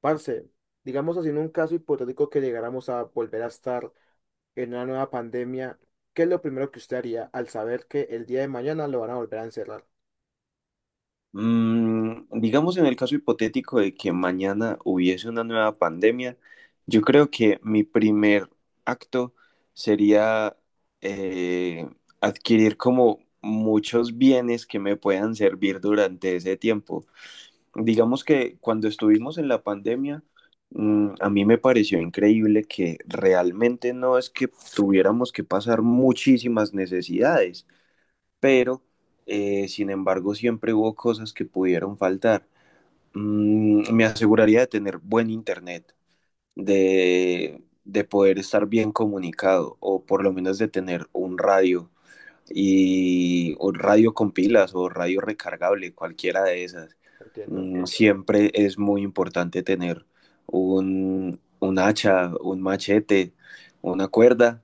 Parce, digamos así, en un caso hipotético que llegáramos a volver a estar en una nueva pandemia, ¿qué es lo primero que usted haría al saber que el día de mañana lo van a volver a encerrar? Digamos en el caso hipotético de que mañana hubiese una nueva pandemia, yo creo que mi primer acto sería eh, adquirir como muchos bienes que me puedan servir durante ese tiempo. Digamos que cuando estuvimos en la pandemia, a mí me pareció increíble que realmente no es que tuviéramos que pasar muchísimas necesidades, pero sin embargo siempre hubo cosas que pudieron faltar. Me aseguraría de tener buen internet, de poder estar bien comunicado, o por lo menos de tener un radio y un radio con pilas o radio recargable, cualquiera de esas. Entiendo, Siempre es muy importante tener un hacha, un machete, una cuerda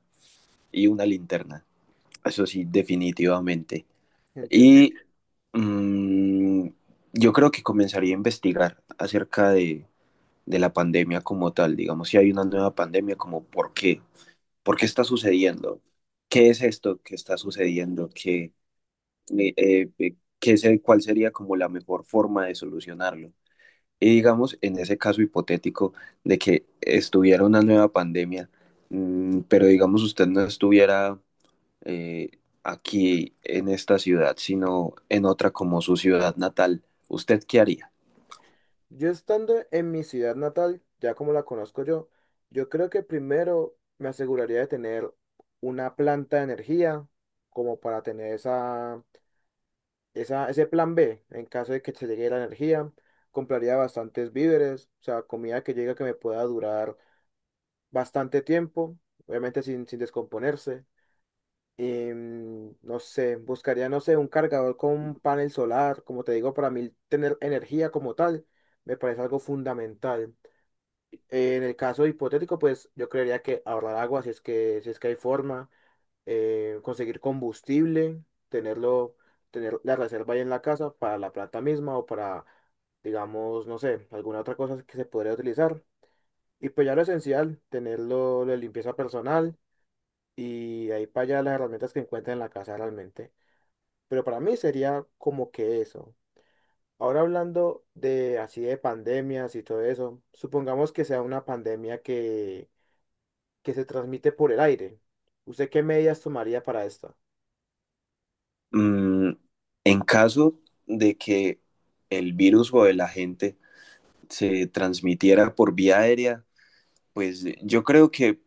y una linterna. Eso sí, definitivamente. entiendo. Y mm, yo creo que comenzaría a investigar acerca de la pandemia como tal. Digamos, si hay una nueva pandemia, como por qué está sucediendo, qué es esto que está sucediendo. ¿Qué, qué es cuál sería como la mejor forma de solucionarlo? Y digamos, en ese caso hipotético de que estuviera una nueva pandemia, pero digamos usted no estuviera eh, aquí en esta ciudad, sino en otra como su ciudad natal, ¿usted qué haría? Yo estando en mi ciudad natal, ya como la conozco yo, yo creo que primero me aseguraría de tener una planta de energía como para tener ese plan B en caso de que se llegue la energía. Compraría bastantes víveres, o sea, comida que llegue que me pueda durar bastante tiempo, obviamente sin descomponerse. No sé, buscaría, no sé, un cargador con un panel solar, como te digo, para mí tener energía como tal me parece algo fundamental. En el caso hipotético, pues yo creería que ahorrar agua, si es que hay forma, conseguir combustible, tenerlo, tener la reserva ahí en la casa para la planta misma o para, digamos, no sé, alguna otra cosa que se podría utilizar. Y pues ya lo esencial, tenerlo, la limpieza personal y ahí para allá las herramientas que encuentren en la casa realmente. Pero para mí sería como que eso. Ahora hablando de así de pandemias y todo eso, supongamos que sea una pandemia que se transmite por el aire. ¿Usted qué medidas tomaría para esto? Mm, en caso de que el virus o el agente se transmitiera por vía aérea, pues yo creo que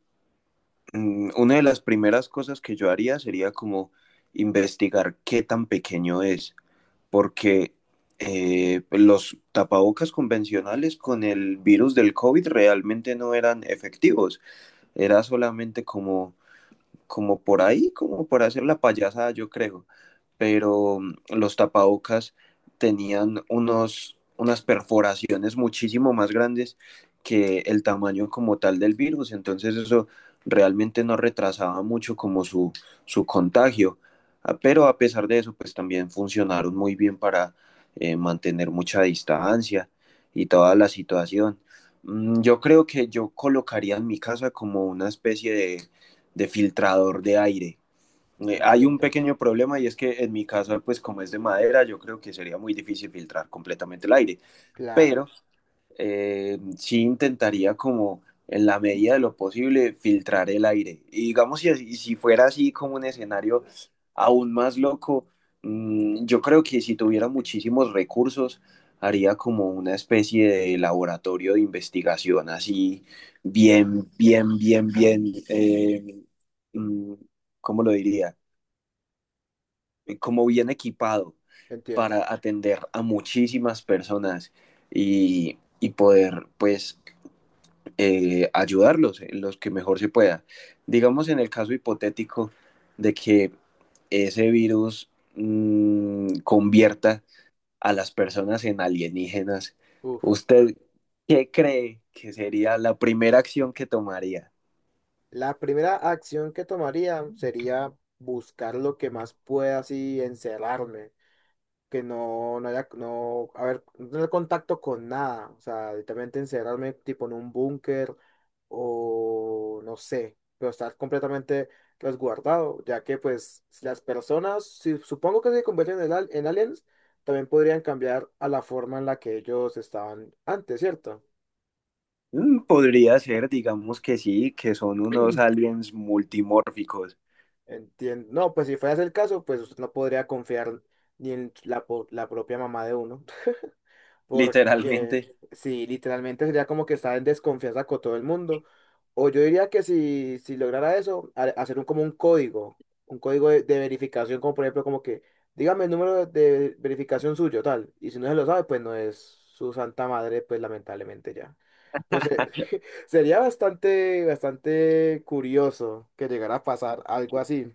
una de las primeras cosas que yo haría sería como investigar qué tan pequeño es, porque los tapabocas convencionales con el virus del COVID realmente no eran efectivos. Era solamente como como por ahí, como por hacer la payasada, yo creo. Pero los tapabocas tenían unos, unas perforaciones muchísimo más grandes que el tamaño como tal del virus, entonces eso realmente no retrasaba mucho como su contagio. Ah, pero a pesar de eso, pues también funcionaron muy bien para mantener mucha distancia y toda la situación. Yo creo que yo colocaría en mi casa como una especie de filtrador de aire. Hay un Entiendo, pequeño problema y es que en mi caso, pues como es de madera, yo creo que sería muy difícil filtrar completamente el aire, claro, pero sí intentaría como en la medida de lo posible filtrar el aire. Y digamos, si, si fuera así como un escenario aún más loco, yo creo que si tuviera muchísimos recursos, haría como una especie de laboratorio de investigación, así bien, bien, bien, bien, eh, mm, ¿cómo lo diría? Como bien equipado entiendo. para atender a muchísimas personas y poder, pues, ayudarlos en los que mejor se pueda. Digamos en el caso hipotético de que ese virus convierta a las personas en alienígenas, Uf. ¿usted qué cree que sería la primera acción que tomaría? La primera acción que tomaría sería buscar lo que más pueda así encerrarme que no, no haya, no, a ver, no tener contacto con nada, o sea, literalmente encerrarme tipo en un búnker o no sé, pero estar completamente resguardado, ya que pues si las personas, si supongo que se convierten en, al- en aliens, también podrían cambiar a la forma en la que ellos estaban antes, ¿cierto? Podría ser, digamos que sí, que son unos aliens multimórficos, Entiendo. No, pues si fuera ese el caso, pues usted no podría confiar ni en la, po- la propia mamá de uno. Porque literalmente. sí, literalmente sería como que está en desconfianza con todo el mundo. O yo diría que si, si lograra eso, ha- hacer un, como un código de verificación, como por ejemplo, como que dígame el número de verificación suyo, tal. Y si no se lo sabe, pues no es su santa madre, pues lamentablemente ya. Pero se- sería bastante, bastante curioso que llegara a pasar algo así.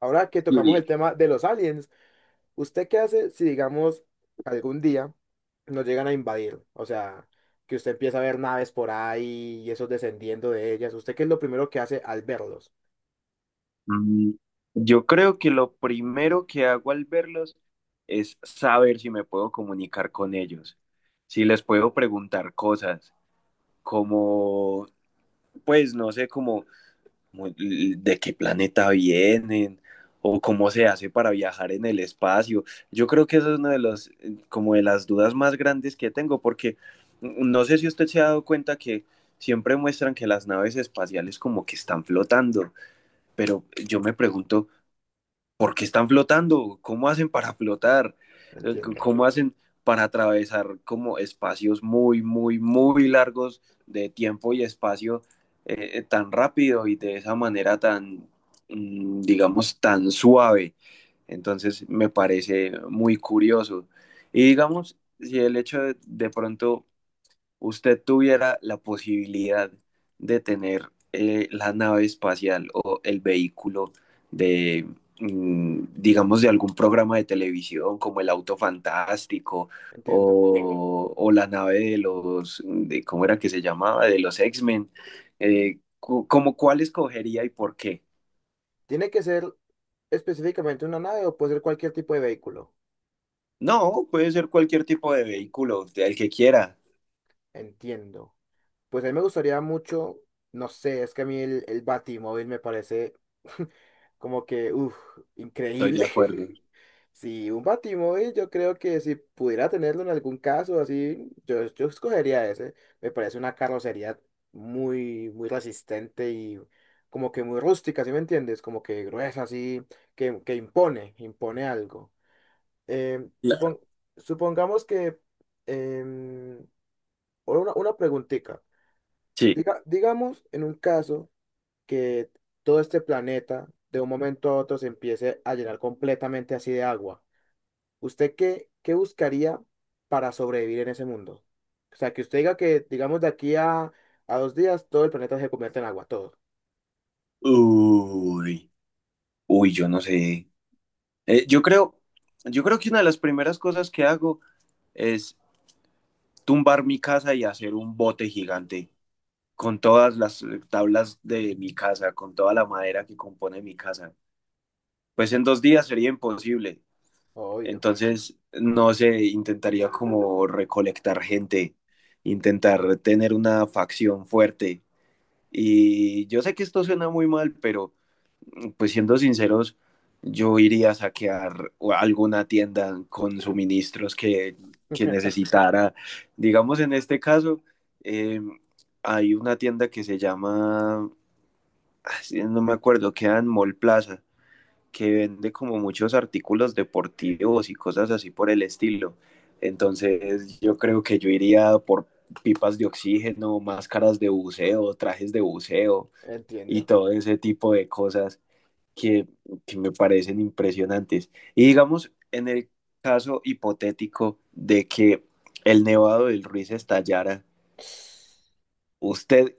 Ahora que tocamos el Y tema de los aliens. ¿Usted qué hace si, digamos, algún día nos llegan a invadir? O sea, que usted empieza a ver naves por ahí y esos descendiendo de ellas. ¿Usted qué es lo primero que hace al verlos? Mm, yo creo que lo primero que hago al verlos es saber si me puedo comunicar con ellos, si les puedo preguntar cosas, como, pues no sé, como como de qué planeta vienen o cómo se hace para viajar en el espacio. Yo creo que eso es una de las, como de las dudas más grandes que tengo, porque no sé si usted se ha dado cuenta que siempre muestran que las naves espaciales como que están flotando, pero yo me pregunto ¿por qué están flotando? ¿Cómo hacen para flotar? Entiendo, ¿Cómo hacen para atravesar como espacios muy, muy, muy largos de tiempo y espacio tan rápido y de esa manera tan, digamos, tan suave? Entonces me parece muy curioso. Y digamos, si el hecho de pronto usted tuviera la posibilidad de tener la nave espacial o el vehículo de, digamos, de algún programa de televisión como el Auto Fantástico, entiendo. O la nave de los, de, ¿cómo era que se llamaba? De los X-Men, ¿como cuál escogería y por qué? ¿Tiene que ser específicamente una nave o puede ser cualquier tipo de vehículo? No, puede ser cualquier tipo de vehículo, el que quiera. Entiendo. Pues a mí me gustaría mucho, no sé, es que a mí el Batimóvil me parece como que, uff, Estoy de increíble. acuerdo. Sí, un Batimóvil yo creo que si pudiera tenerlo en algún caso así, yo escogería ese. Me parece una carrocería muy, muy resistente y como que muy rústica, ¿sí me entiendes? Como que gruesa, así, que impone, impone algo. Em, supon- Claro. Supongamos que... em, ahora una preguntita. Sí. Digamos, en un caso que todo este planeta de un momento a otro se empiece a llenar completamente así de agua, ¿usted qué, qué buscaría para sobrevivir en ese mundo? O sea, que usted diga que, digamos, de aquí a 2 días todo el planeta se convierte en agua, todo. Uy, uy, yo no sé. Eh, yo creo, yo creo que una de las primeras cosas que hago es tumbar mi casa y hacer un bote gigante con todas las tablas de mi casa, con toda la madera que compone mi casa. Pues en 2 días sería imposible. Obvio. Entonces, no sé, intentaría como recolectar gente, intentar tener una facción fuerte. Y yo sé que esto suena muy mal, pero pues siendo sinceros, yo iría a saquear alguna tienda con suministros que necesitara. Digamos, en este caso, eh, hay una tienda que se llama, ah, sí, no me acuerdo, queda en Mall Plaza, que vende como muchos artículos deportivos y cosas así por el estilo. Entonces, yo creo que yo iría por pipas de oxígeno, máscaras de buceo, trajes de buceo y Entiendo. todo ese tipo de cosas que, que me parecen impresionantes. Y digamos, en el caso hipotético de que el nevado del Ruiz estallara, ¿usted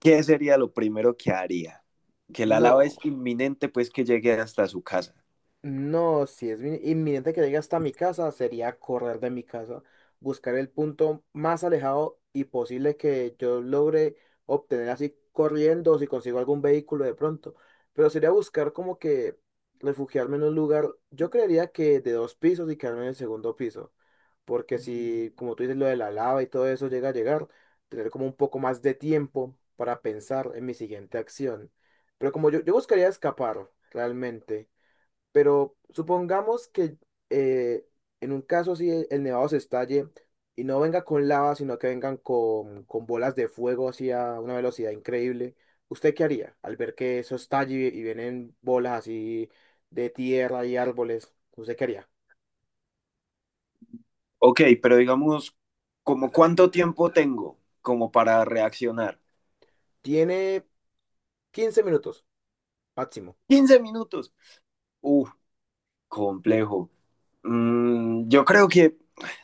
qué sería lo primero que haría? Que la lava es No. inminente, pues que llegue hasta su casa. No, si es inminente que llegue hasta mi casa, sería correr de mi casa, buscar el punto más alejado y posible que yo logre obtener así corriendo, o si consigo algún vehículo de pronto. Pero sería buscar como que refugiarme en un lugar, yo creería que de dos pisos y quedarme en el segundo piso. Porque si, como tú dices, lo de la lava y todo eso llega a llegar, tener como un poco más de tiempo para pensar en mi siguiente acción. Pero como yo buscaría escapar realmente. Pero supongamos que eh, en un caso así el nevado se estalle y no venga con lava, sino que vengan con bolas de fuego así a una velocidad increíble. ¿Usted qué haría al ver que eso estalle y vienen bolas así de tierra y árboles? ¿Usted qué haría? Ok, pero digamos, ¿como cuánto tiempo tengo como para reaccionar? Tiene 15 minutos máximo, 15 minutos. Uf, complejo. Yo creo que,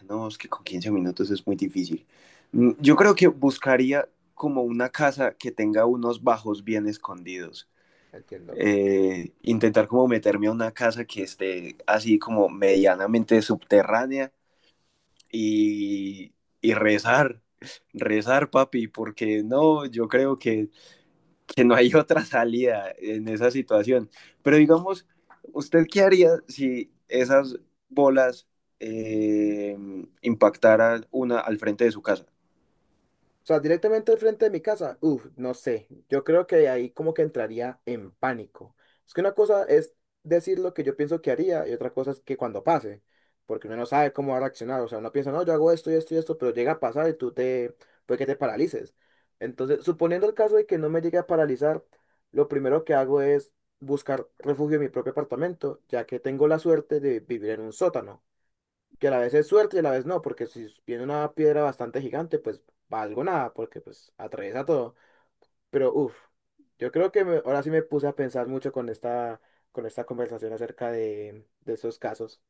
no, es que con 15 minutos es muy difícil. Yo creo que buscaría como una casa que tenga unos bajos bien escondidos. entiendo. Intentar como meterme a una casa que esté así como medianamente subterránea y, y rezar, rezar, papi, porque no, yo creo que no hay otra salida en esa situación. Pero digamos, ¿usted qué haría si esas bolas eh, impactaran una al frente de su casa? O sea, directamente al frente de mi casa, uff, no sé. Yo creo que ahí como que entraría en pánico. Es que una cosa es decir lo que yo pienso que haría y otra cosa es que cuando pase, porque uno no sabe cómo va a reaccionar. O sea, uno piensa, no, yo hago esto y esto y esto, pero llega a pasar y tú te, puede que te paralices. Entonces, suponiendo el caso de que no me llegue a paralizar, lo primero que hago es buscar refugio en mi propio apartamento, ya que tengo la suerte de vivir en un sótano que a la vez es suerte y a la vez no, porque si viene una piedra bastante gigante, pues valgo nada, porque pues atraviesa todo. Pero uff, yo creo que ahora sí me puse a pensar mucho con esta conversación acerca de esos casos.